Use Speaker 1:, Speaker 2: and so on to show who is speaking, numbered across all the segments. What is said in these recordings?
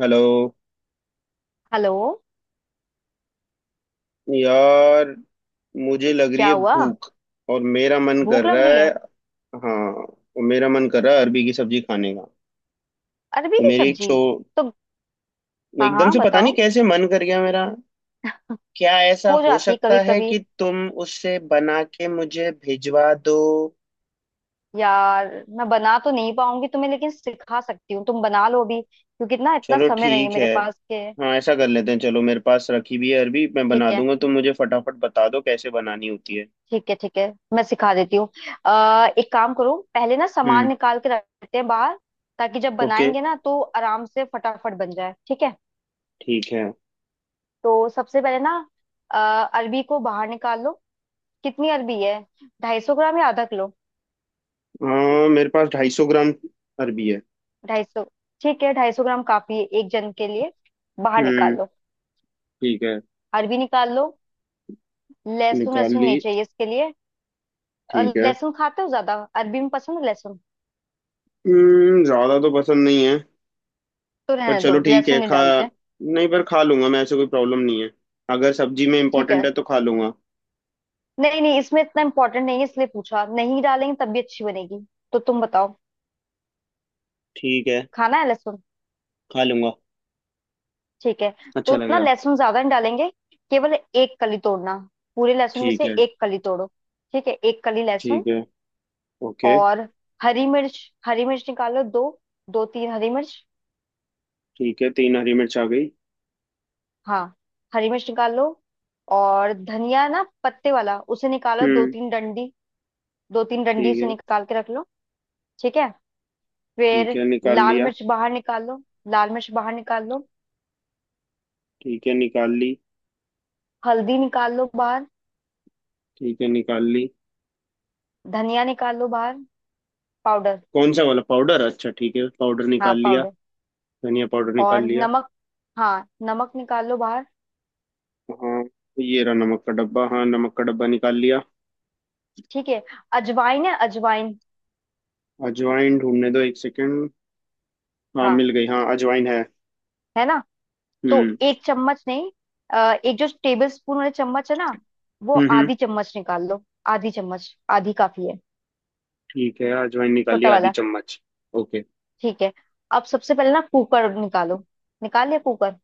Speaker 1: Hello
Speaker 2: hello.
Speaker 1: यार, मुझे लग रही
Speaker 2: क्या
Speaker 1: है
Speaker 2: हुआ?
Speaker 1: भूख। और मेरा मन कर
Speaker 2: भूख लग
Speaker 1: रहा
Speaker 2: रही
Speaker 1: है।
Speaker 2: है?
Speaker 1: हाँ, और मेरा मन कर रहा है अरबी की सब्जी खाने का।
Speaker 2: अरबी
Speaker 1: तो
Speaker 2: की
Speaker 1: मेरी एक
Speaker 2: सब्जी?
Speaker 1: छो
Speaker 2: तो हाँ
Speaker 1: एकदम
Speaker 2: हाँ
Speaker 1: से पता नहीं
Speaker 2: बताओ।
Speaker 1: कैसे मन कर गया मेरा। क्या ऐसा
Speaker 2: हो
Speaker 1: हो
Speaker 2: जाती है
Speaker 1: सकता
Speaker 2: कभी
Speaker 1: है
Speaker 2: कभी।
Speaker 1: कि तुम उससे बना के मुझे भिजवा दो?
Speaker 2: यार, मैं बना तो नहीं पाऊंगी तुम्हें, लेकिन सिखा सकती हूँ। तुम बना लो अभी, क्योंकि ना इतना
Speaker 1: चलो
Speaker 2: समय नहीं है
Speaker 1: ठीक
Speaker 2: मेरे
Speaker 1: है।
Speaker 2: पास के।
Speaker 1: हाँ, ऐसा कर लेते हैं। चलो, मेरे पास रखी भी है अरबी। मैं बना
Speaker 2: ठीक है
Speaker 1: दूंगा, तुम मुझे फटाफट बता दो कैसे बनानी होती है।
Speaker 2: ठीक है ठीक है, मैं सिखा देती हूँ। अः एक काम करो, पहले ना सामान
Speaker 1: हम्म।
Speaker 2: निकाल के रखते हैं बाहर, ताकि जब
Speaker 1: ओके।
Speaker 2: बनाएंगे ना तो आराम से फटाफट बन जाए। ठीक है
Speaker 1: ठीक है।
Speaker 2: तो सबसे पहले ना अरबी को बाहर निकाल लो। कितनी अरबी है? 250 ग्राम या आधा किलो?
Speaker 1: हाँ, मेरे पास 250 ग्राम अरबी है।
Speaker 2: 250? ठीक है, 250 ग्राम काफी है एक जन के लिए। बाहर निकाल
Speaker 1: हम्म।
Speaker 2: लो,
Speaker 1: ठीक है,
Speaker 2: अरबी निकाल लो। लहसुन,
Speaker 1: निकाल
Speaker 2: लहसुन
Speaker 1: ली।
Speaker 2: नहीं चाहिए इसके लिए।
Speaker 1: ठीक है।
Speaker 2: लहसुन खाते हो ज्यादा? अरबी में पसंद है लहसुन?
Speaker 1: हम्म, ज्यादा तो पसंद नहीं है।
Speaker 2: तो
Speaker 1: पर
Speaker 2: रहने
Speaker 1: चलो
Speaker 2: दो,
Speaker 1: ठीक
Speaker 2: लहसुन
Speaker 1: है,
Speaker 2: नहीं
Speaker 1: खा
Speaker 2: डालते।
Speaker 1: नहीं, पर खा लूंगा मैं। ऐसे कोई प्रॉब्लम नहीं है। अगर सब्जी में
Speaker 2: ठीक
Speaker 1: इम्पोर्टेंट
Speaker 2: है,
Speaker 1: है तो खा लूंगा।
Speaker 2: नहीं नहीं, इसमें इतना इम्पोर्टेंट नहीं है, इसलिए पूछा। नहीं डालेंगे तब भी अच्छी बनेगी। तो तुम बताओ,
Speaker 1: ठीक है,
Speaker 2: खाना है लहसुन?
Speaker 1: खा लूंगा,
Speaker 2: ठीक है,
Speaker 1: अच्छा
Speaker 2: तो ना
Speaker 1: लगेगा।
Speaker 2: लहसुन ज्यादा नहीं डालेंगे, केवल एक कली तोड़ना। पूरे लहसुन में
Speaker 1: ठीक
Speaker 2: से
Speaker 1: है।
Speaker 2: एक कली तोड़ो। ठीक है, एक कली लहसुन।
Speaker 1: ठीक है। ओके।
Speaker 2: और हरी मिर्च, हरी मिर्च निकालो दो, 2-3 हरी मिर्च।
Speaker 1: ठीक है, तीन हरी मिर्च आ गई।
Speaker 2: हाँ, हरी मिर्च निकाल लो। और धनिया ना, पत्ते वाला, उसे निकालो दो
Speaker 1: हम्म।
Speaker 2: तीन डंडी दो तीन डंडी
Speaker 1: ठीक
Speaker 2: उसे
Speaker 1: है।
Speaker 2: निकाल के रख लो। ठीक है,
Speaker 1: ठीक
Speaker 2: फिर
Speaker 1: है, निकाल
Speaker 2: लाल
Speaker 1: लिया।
Speaker 2: मिर्च बाहर निकाल लो। लाल मिर्च बाहर निकाल लो।
Speaker 1: ठीक है, निकाल ली।
Speaker 2: हल्दी निकाल लो बाहर।
Speaker 1: ठीक है, निकाल ली।
Speaker 2: धनिया निकाल लो बाहर, पाउडर।
Speaker 1: कौन सा वाला पाउडर? अच्छा ठीक है, पाउडर
Speaker 2: हाँ
Speaker 1: निकाल लिया।
Speaker 2: पाउडर।
Speaker 1: धनिया पाउडर निकाल
Speaker 2: और
Speaker 1: लिया।
Speaker 2: नमक, हाँ नमक निकाल लो बाहर।
Speaker 1: हाँ, ये रहा नमक का डब्बा। हाँ, नमक का डब्बा निकाल लिया।
Speaker 2: ठीक है, अजवाइन है? अजवाइन,
Speaker 1: अजवाइन ढूंढने दो, एक सेकंड। हाँ,
Speaker 2: हाँ,
Speaker 1: मिल गई। हाँ, अजवाइन है।
Speaker 2: है ना? तो
Speaker 1: हम्म।
Speaker 2: एक चम्मच नहीं, अ, एक जो टेबल स्पून वाले चम्मच है ना, वो
Speaker 1: हम्म हम्म,
Speaker 2: आधी चम्मच निकाल लो। आधी चम्मच, आधी काफी है।
Speaker 1: ठीक है, अजवाइन निकाली
Speaker 2: छोटा
Speaker 1: आधी
Speaker 2: वाला।
Speaker 1: चम्मच। ओके।
Speaker 2: ठीक है, अब सबसे पहले ना कुकर निकालो। निकाल लिया कुकर?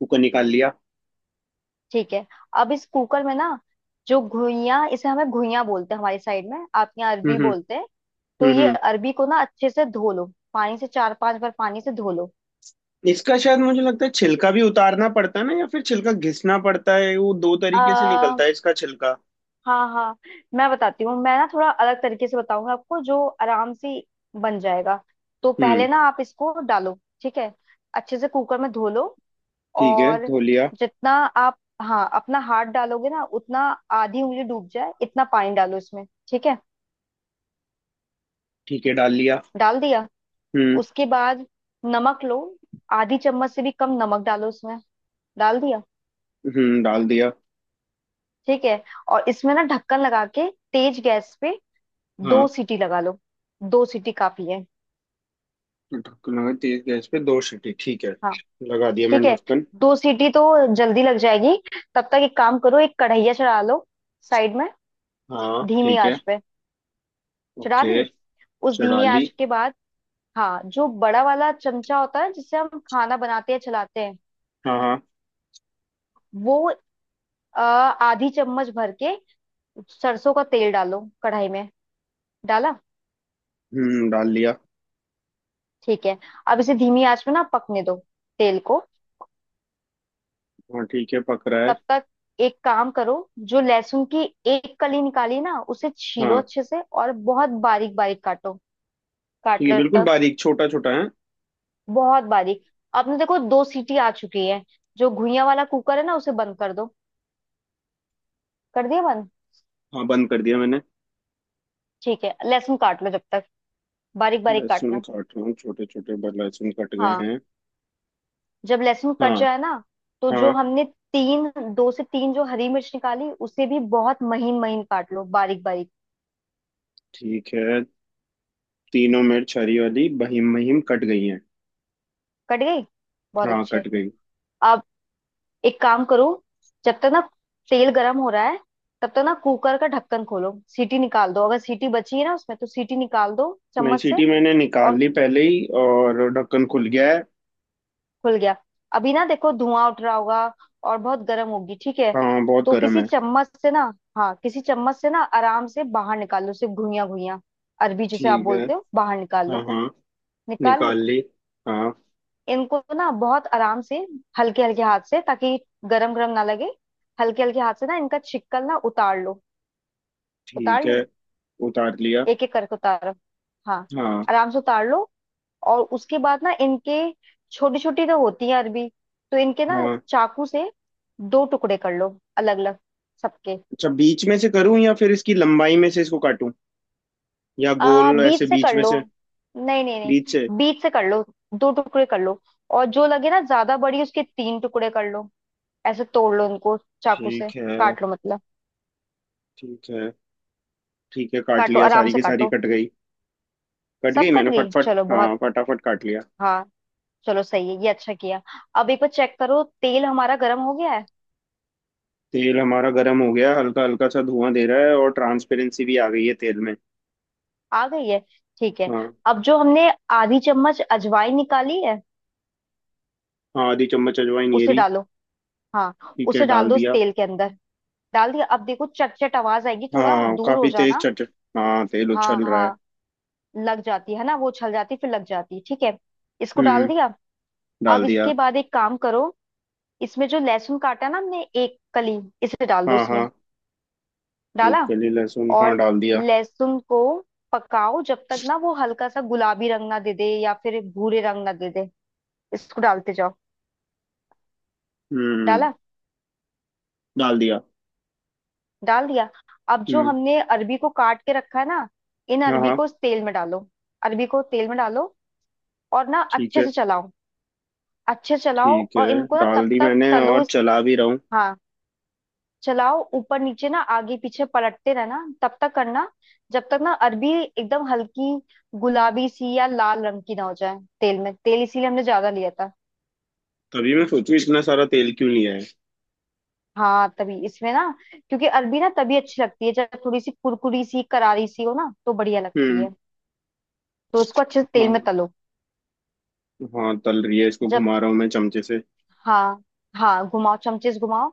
Speaker 1: कुकर निकाल लिया।
Speaker 2: ठीक है, अब इस कुकर में ना, जो घुइयां, इसे हमें घुइयां बोलते हैं हमारी साइड में, आप यहाँ अरबी
Speaker 1: हम्म। हम्म।
Speaker 2: बोलते हैं, तो
Speaker 1: हम्म
Speaker 2: ये
Speaker 1: हम्म।
Speaker 2: अरबी को ना अच्छे से धो लो। पानी से, 4-5 बार पानी से धो लो।
Speaker 1: इसका शायद मुझे लगता है छिलका भी उतारना पड़ता है ना, या फिर छिलका घिसना पड़ता है। वो दो तरीके से
Speaker 2: आ,
Speaker 1: निकलता है इसका छिलका।
Speaker 2: हाँ हाँ, मैं बताती हूँ। मैं ना थोड़ा अलग तरीके से बताऊंगा आपको, जो आराम से बन जाएगा। तो पहले
Speaker 1: हम्म।
Speaker 2: ना आप इसको डालो, ठीक है, अच्छे से कुकर में धो लो।
Speaker 1: ठीक है,
Speaker 2: और
Speaker 1: धो लिया।
Speaker 2: जितना आप, हाँ, अपना हाथ डालोगे ना, उतना, आधी उंगली डूब जाए, इतना पानी डालो इसमें। ठीक है,
Speaker 1: ठीक है, डाल लिया।
Speaker 2: डाल दिया?
Speaker 1: हम्म।
Speaker 2: उसके बाद नमक लो, आधी चम्मच से भी कम नमक डालो उसमें। डाल दिया?
Speaker 1: हम्म, डाल दिया।
Speaker 2: ठीक है, और इसमें ना ढक्कन लगा के तेज गैस पे
Speaker 1: हाँ,
Speaker 2: 2 सीटी लगा लो। 2 सीटी काफी है।
Speaker 1: ढक्कन लगा, तेज गैस पे दो सीटी, ठीक है।
Speaker 2: हाँ
Speaker 1: लगा दिया
Speaker 2: ठीक
Speaker 1: मैंने
Speaker 2: है,
Speaker 1: ढक्कन।
Speaker 2: 2 सीटी तो जल्दी लग जाएगी। तब तक एक काम करो, एक कढ़ैया चढ़ा लो साइड में,
Speaker 1: हाँ
Speaker 2: धीमी
Speaker 1: ठीक है।
Speaker 2: आंच पे। चढ़ा दी?
Speaker 1: ओके।
Speaker 2: उस
Speaker 1: चढ़ा
Speaker 2: धीमी
Speaker 1: ली।
Speaker 2: आंच के बाद, हाँ, जो बड़ा वाला चमचा होता है जिससे हम खाना बनाते हैं, चलाते हैं,
Speaker 1: हाँ हाँ।
Speaker 2: वो आधी चम्मच भर के सरसों का तेल डालो कढ़ाई में। डाला?
Speaker 1: हम्म, डाल लिया।
Speaker 2: ठीक है, अब इसे धीमी आंच में ना पकने दो तेल को।
Speaker 1: हाँ ठीक है, पक रहा है।
Speaker 2: तब तक एक काम करो, जो लहसुन की एक कली निकाली ना, उसे छीलो
Speaker 1: हाँ।
Speaker 2: अच्छे से और बहुत बारीक बारीक काटो।
Speaker 1: ठीक
Speaker 2: काट
Speaker 1: है,
Speaker 2: लो
Speaker 1: बिल्कुल
Speaker 2: तक,
Speaker 1: बारीक छोटा छोटा है।
Speaker 2: बहुत बारीक। आपने देखो, 2 सीटी आ चुकी है, जो घुइयां वाला कुकर है ना, उसे बंद कर दो। कर दिया बंद?
Speaker 1: हाँ, बंद कर दिया मैंने।
Speaker 2: ठीक है, लहसुन काट लो जब तक, बारीक बारीक
Speaker 1: लहसुन
Speaker 2: काटना।
Speaker 1: काट रहा हूँ, छोटे छोटे लहसुन कट गए
Speaker 2: हाँ,
Speaker 1: हैं।
Speaker 2: जब लहसुन कट
Speaker 1: हाँ।
Speaker 2: जाए ना, तो जो
Speaker 1: हाँ।
Speaker 2: हमने तीन, दो से तीन जो हरी मिर्च निकाली, उसे भी बहुत महीन महीन काट लो, बारीक बारीक।
Speaker 1: ठीक है, तीनों मिर्च हरी वाली बहीम बहीम कट गई हैं।
Speaker 2: कट गई, बहुत
Speaker 1: हाँ,
Speaker 2: अच्छे।
Speaker 1: कट गई।
Speaker 2: अब एक काम करो, जब तक ना तेल गरम हो रहा है, तब तक ना कुकर का ढक्कन खोलो, सीटी निकाल दो, अगर सीटी बची है ना उसमें तो सीटी निकाल दो
Speaker 1: नहीं,
Speaker 2: चम्मच से।
Speaker 1: सीटी मैंने निकाल
Speaker 2: और
Speaker 1: ली पहले ही, और ढक्कन खुल गया है।
Speaker 2: खुल गया? अभी ना देखो, धुआं उठ रहा होगा और बहुत गर्म होगी। ठीक है,
Speaker 1: हाँ, बहुत
Speaker 2: तो
Speaker 1: गर्म
Speaker 2: किसी
Speaker 1: है।
Speaker 2: चम्मच से ना, हाँ, किसी चम्मच से ना आराम से बाहर निकाल लो सिर्फ घुइयां, घुइयां, अरबी, जिसे आप
Speaker 1: ठीक है।
Speaker 2: बोलते हो, बाहर निकाल
Speaker 1: हाँ
Speaker 2: लो।
Speaker 1: हाँ,
Speaker 2: निकाल ली?
Speaker 1: निकाल ली। हाँ
Speaker 2: इनको ना बहुत आराम से, हल्के हल्के हाथ से, ताकि गरम गरम ना लगे, हल्के हल्के हाथ से ना इनका छिक्कल ना उतार लो।
Speaker 1: ठीक
Speaker 2: उतार ली?
Speaker 1: है, उतार लिया।
Speaker 2: एक एक करके उतारो। हाँ,
Speaker 1: हाँ।
Speaker 2: आराम से उतार लो। और उसके बाद ना इनके, छोटी छोटी तो होती है अरबी, तो इनके ना
Speaker 1: हाँ।
Speaker 2: चाकू से दो टुकड़े कर लो, अलग अलग सबके।
Speaker 1: अच्छा, बीच में से करूँ या फिर इसकी लंबाई में से इसको काटूं? या
Speaker 2: आ
Speaker 1: गोल ऐसे
Speaker 2: बीच से
Speaker 1: बीच
Speaker 2: कर
Speaker 1: में
Speaker 2: लो,
Speaker 1: से?
Speaker 2: नहीं नहीं
Speaker 1: बीच से।
Speaker 2: नहीं, बीच से कर लो, दो टुकड़े कर लो। और जो लगे ना ज्यादा बड़ी, उसके तीन टुकड़े कर लो, ऐसे तोड़ लो उनको, चाकू से
Speaker 1: ठीक है।
Speaker 2: काट लो, मतलब।
Speaker 1: ठीक है। ठीक है, काट
Speaker 2: काटो,
Speaker 1: लिया,
Speaker 2: आराम
Speaker 1: सारी
Speaker 2: से
Speaker 1: की सारी
Speaker 2: काटो।
Speaker 1: कट गई। कट गई
Speaker 2: सब कट
Speaker 1: मैंने
Speaker 2: गई?
Speaker 1: फटफट।
Speaker 2: चलो बहुत,
Speaker 1: हाँ, फटाफट काट लिया।
Speaker 2: हाँ, चलो सही है, ये अच्छा किया। अब एक बार चेक करो, तेल हमारा गर्म हो गया है?
Speaker 1: तेल हमारा गर्म हो गया, हल्का हल्का सा धुआं दे रहा है, और ट्रांसपेरेंसी भी आ गई है तेल में।
Speaker 2: आ गई है? ठीक है,
Speaker 1: हाँ।
Speaker 2: अब जो हमने आधी चम्मच अजवाइन निकाली है,
Speaker 1: हाँ, आधी चम्मच अजवाइन ये
Speaker 2: उसे
Speaker 1: रही।
Speaker 2: डालो, हाँ,
Speaker 1: ठीक है,
Speaker 2: उसे डाल
Speaker 1: डाल
Speaker 2: दो इस
Speaker 1: दिया।
Speaker 2: तेल के अंदर। डाल दिया? अब देखो, चट चट आवाज आएगी, थोड़ा
Speaker 1: हाँ,
Speaker 2: दूर हो
Speaker 1: काफी तेज
Speaker 2: जाना।
Speaker 1: चट। हाँ, तेल
Speaker 2: हाँ
Speaker 1: उछल रहा है।
Speaker 2: हाँ, लग जाती है ना, वो छल जाती, फिर लग जाती है। ठीक है, इसको डाल
Speaker 1: हम्म,
Speaker 2: दिया। अब
Speaker 1: डाल दिया।
Speaker 2: इसके बाद एक काम करो, इसमें जो लहसुन काटा ना हमने एक कली, इसे डाल दो
Speaker 1: हाँ
Speaker 2: इसमें।
Speaker 1: हाँ,
Speaker 2: डाला?
Speaker 1: एक कली लहसुन, हाँ
Speaker 2: और
Speaker 1: डाल दिया।
Speaker 2: लहसुन को पकाओ जब तक ना वो हल्का सा गुलाबी रंग ना दे दे, या फिर भूरे रंग ना दे दे। इसको डालते जाओ।
Speaker 1: हम्म,
Speaker 2: डाला?
Speaker 1: डाल दिया।
Speaker 2: डाल दिया? अब जो
Speaker 1: हम्म।
Speaker 2: हमने अरबी को काट के रखा है ना, इन
Speaker 1: हाँ
Speaker 2: अरबी
Speaker 1: हाँ।
Speaker 2: को इस तेल में डालो। अरबी को तेल में डालो और ना
Speaker 1: ठीक
Speaker 2: अच्छे
Speaker 1: है।
Speaker 2: से चलाओ। अच्छे से चलाओ,
Speaker 1: ठीक है,
Speaker 2: और इनको ना तब
Speaker 1: डाल दी
Speaker 2: तक
Speaker 1: मैंने,
Speaker 2: तलो
Speaker 1: और
Speaker 2: इस-,
Speaker 1: चला भी रहा हूँ।
Speaker 2: हाँ, चलाओ ऊपर नीचे ना, आगे पीछे पलटते रहना, तब तक करना जब तक ना अरबी एकदम हल्की गुलाबी सी या लाल रंग की ना हो जाए तेल में। तेल इसीलिए हमने ज्यादा लिया था।
Speaker 1: तभी मैं सोचूं, इतना सारा तेल क्यों लिया है।
Speaker 2: हाँ, तभी इसमें ना, क्योंकि अरबी ना तभी अच्छी लगती है जब थोड़ी सी कुरकुरी सी, करारी सी हो ना, तो बढ़िया लगती
Speaker 1: हम्म।
Speaker 2: है। तो इसको अच्छे से तेल में
Speaker 1: हाँ।
Speaker 2: तलो।
Speaker 1: हाँ, तल रही है, इसको
Speaker 2: जब,
Speaker 1: घुमा रहा हूँ मैं चमचे से।
Speaker 2: हाँ, हाँ घुमाओ चमचे से, घुमाओ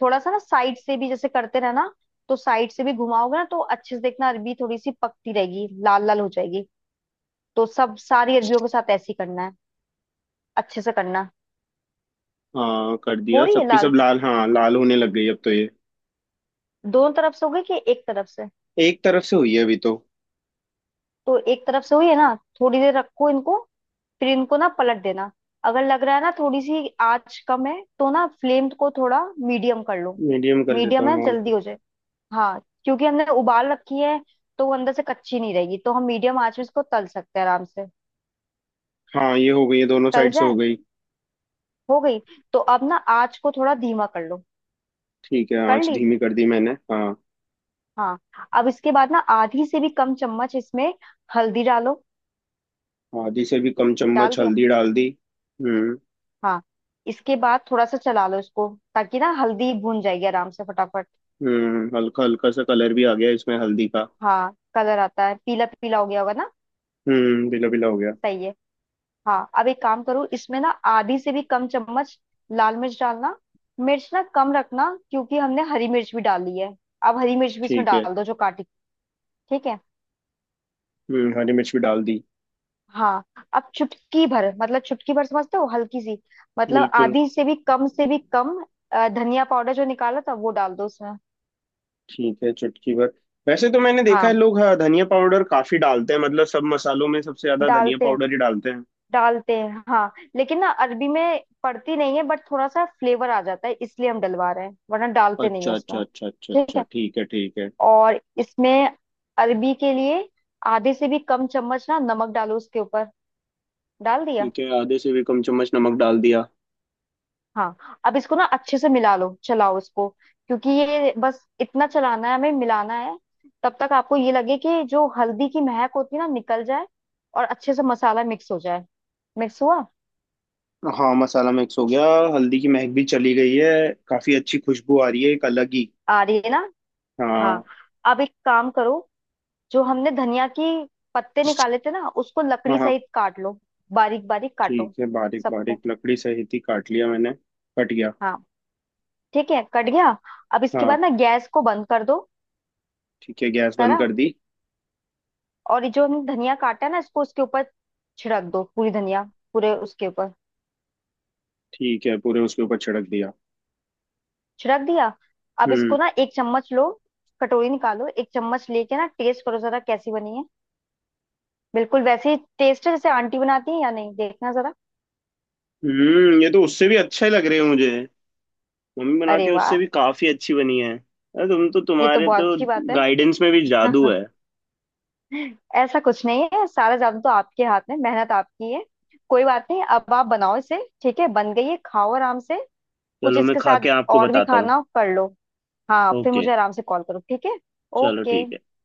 Speaker 2: थोड़ा सा ना साइड से भी जैसे करते रहना। तो साइड से भी घुमाओगे ना, तो अच्छे से देखना, अरबी थोड़ी सी पकती रहेगी, लाल लाल हो जाएगी। तो सब सारी अरबियों के साथ ऐसे ही करना है। अच्छे से करना।
Speaker 1: हाँ, कर
Speaker 2: हो
Speaker 1: दिया,
Speaker 2: रही है
Speaker 1: सबकी सब
Speaker 2: लाल?
Speaker 1: लाल, हाँ लाल होने लग गई अब तो ये।
Speaker 2: दोनों तरफ से हो गई कि एक तरफ से?
Speaker 1: एक तरफ से हुई है अभी तो।
Speaker 2: तो एक तरफ से हुई है ना, थोड़ी देर रखो इनको, फिर इनको ना पलट देना। अगर लग रहा है ना थोड़ी सी आंच कम है, तो ना फ्लेम को थोड़ा मीडियम कर लो।
Speaker 1: मीडियम कर लेता
Speaker 2: मीडियम है,
Speaker 1: हूँ हाँ।
Speaker 2: जल्दी हो जाए, हाँ, क्योंकि हमने उबाल रखी है, तो वो अंदर से कच्ची नहीं रहेगी, तो हम मीडियम आंच में इसको तल सकते हैं आराम से।
Speaker 1: हाँ, ये हो गई है, दोनों
Speaker 2: तल
Speaker 1: साइड से हो
Speaker 2: जाए?
Speaker 1: गई।
Speaker 2: हो गई? तो अब ना आंच को थोड़ा धीमा कर लो।
Speaker 1: ठीक है,
Speaker 2: कर
Speaker 1: आँच
Speaker 2: ली?
Speaker 1: धीमी कर दी मैंने हाँ।
Speaker 2: हाँ, अब इसके बाद ना आधी से भी कम चम्मच इसमें हल्दी डालो।
Speaker 1: आधी से भी कम
Speaker 2: डाल
Speaker 1: चम्मच
Speaker 2: दिया?
Speaker 1: हल्दी डाल दी। हम्म।
Speaker 2: हाँ, इसके बाद थोड़ा सा चला लो इसको, ताकि ना हल्दी भून जाएगी आराम से फटाफट।
Speaker 1: हम्म, हल्का हल्का सा कलर भी आ गया इसमें हल्दी का।
Speaker 2: हाँ, कलर आता है, पीला पीला हो गया होगा ना?
Speaker 1: हम्म, बिला बिला हो गया।
Speaker 2: सही है। हाँ, अब एक काम करो, इसमें ना आधी से भी कम चम्मच लाल मिर्च डालना। मिर्च ना कम रखना, क्योंकि हमने हरी मिर्च भी डाली है। अब हरी मिर्च भी इसमें
Speaker 1: ठीक है।
Speaker 2: डाल दो, जो काटी। ठीक है,
Speaker 1: हम्म, हरी मिर्च भी डाल दी।
Speaker 2: हाँ। अब चुटकी भर, मतलब चुटकी भर समझते हो, हल्की सी, मतलब
Speaker 1: बिल्कुल।
Speaker 2: आधी से भी कम धनिया पाउडर जो निकाला था, वो डाल दो उसमें।
Speaker 1: ठीक है, चुटकी भर। वैसे तो मैंने देखा है
Speaker 2: हाँ,
Speaker 1: लोग, हाँ, धनिया पाउडर काफी डालते हैं। मतलब सब मसालों में सबसे ज्यादा धनिया
Speaker 2: डालते हैं
Speaker 1: पाउडर ही डालते हैं।
Speaker 2: डालते हैं, हाँ, लेकिन ना अरबी में पड़ती नहीं है, बट थोड़ा सा फ्लेवर आ जाता है, इसलिए हम डलवा रहे हैं, वरना डालते नहीं है
Speaker 1: अच्छा अच्छा
Speaker 2: इसमें।
Speaker 1: अच्छा अच्छा
Speaker 2: ठीक
Speaker 1: अच्छा,
Speaker 2: है,
Speaker 1: ठीक है ठीक है।
Speaker 2: और इसमें, अरबी के लिए आधे से भी कम चम्मच ना नमक डालो उसके ऊपर। डाल दिया?
Speaker 1: ठीक है, आधे से भी कम चम्मच नमक डाल दिया।
Speaker 2: हाँ, अब इसको ना अच्छे से मिला लो, चलाओ इसको, क्योंकि ये बस इतना चलाना है, हमें मिलाना है, तब तक आपको ये लगे कि जो हल्दी की महक होती है ना, निकल जाए और अच्छे से मसाला मिक्स हो जाए। मिक्स हुआ?
Speaker 1: हाँ, मसाला मिक्स हो गया। हल्दी की महक भी चली गई है। काफी अच्छी खुशबू आ रही है, एक अलग ही।
Speaker 2: आ रही है ना? हाँ,
Speaker 1: हाँ।
Speaker 2: अब एक काम करो, जो हमने धनिया की पत्ते निकाले थे ना, उसको लकड़ी
Speaker 1: हाँ। हाँ।
Speaker 2: सहित काट लो, बारीक बारीक काटो
Speaker 1: ठीक है, बारीक
Speaker 2: सबको।
Speaker 1: बारीक लकड़ी सहित ही काट लिया मैंने। कट गया।
Speaker 2: हाँ, ठीक है, कट गया। अब इसके
Speaker 1: हाँ।
Speaker 2: बाद ना गैस को बंद कर दो।
Speaker 1: ठीक है, गैस
Speaker 2: करा?
Speaker 1: बंद कर दी।
Speaker 2: और ये जो हमने धनिया काटा है ना, इसको उसके ऊपर छिड़क दो पूरी धनिया, पूरे उसके ऊपर।
Speaker 1: ठीक है, पूरे उसके ऊपर छिड़क दिया।
Speaker 2: छिड़क दिया? अब
Speaker 1: हम्म।
Speaker 2: इसको ना एक चम्मच लो, कटोरी निकालो, एक चम्मच लेके ना टेस्ट करो जरा, कैसी बनी है, बिल्कुल वैसे ही टेस्ट है जैसे आंटी बनाती है या नहीं, देखना जरा।
Speaker 1: हम्म, ये तो उससे भी अच्छे लग रहे हैं मुझे। मम्मी
Speaker 2: अरे
Speaker 1: बनाती है उससे
Speaker 2: वाह,
Speaker 1: भी काफी अच्छी बनी है। अरे तुम तो,
Speaker 2: ये तो
Speaker 1: तुम्हारे
Speaker 2: बहुत
Speaker 1: तो
Speaker 2: अच्छी बात है।
Speaker 1: गाइडेंस में भी जादू है।
Speaker 2: ऐसा कुछ नहीं है, सारा जादू तो आपके हाथ में, मेहनत आपकी है। कोई बात नहीं, अब आप बनाओ इसे। ठीक है, बन गई है, खाओ आराम से, कुछ
Speaker 1: चलो, मैं
Speaker 2: इसके
Speaker 1: खा
Speaker 2: साथ
Speaker 1: के आपको
Speaker 2: और भी
Speaker 1: बताता हूँ।
Speaker 2: खाना कर लो। हाँ, फिर
Speaker 1: ओके।
Speaker 2: मुझे आराम से कॉल करो। ठीक है,
Speaker 1: चलो
Speaker 2: ओके।
Speaker 1: ठीक है।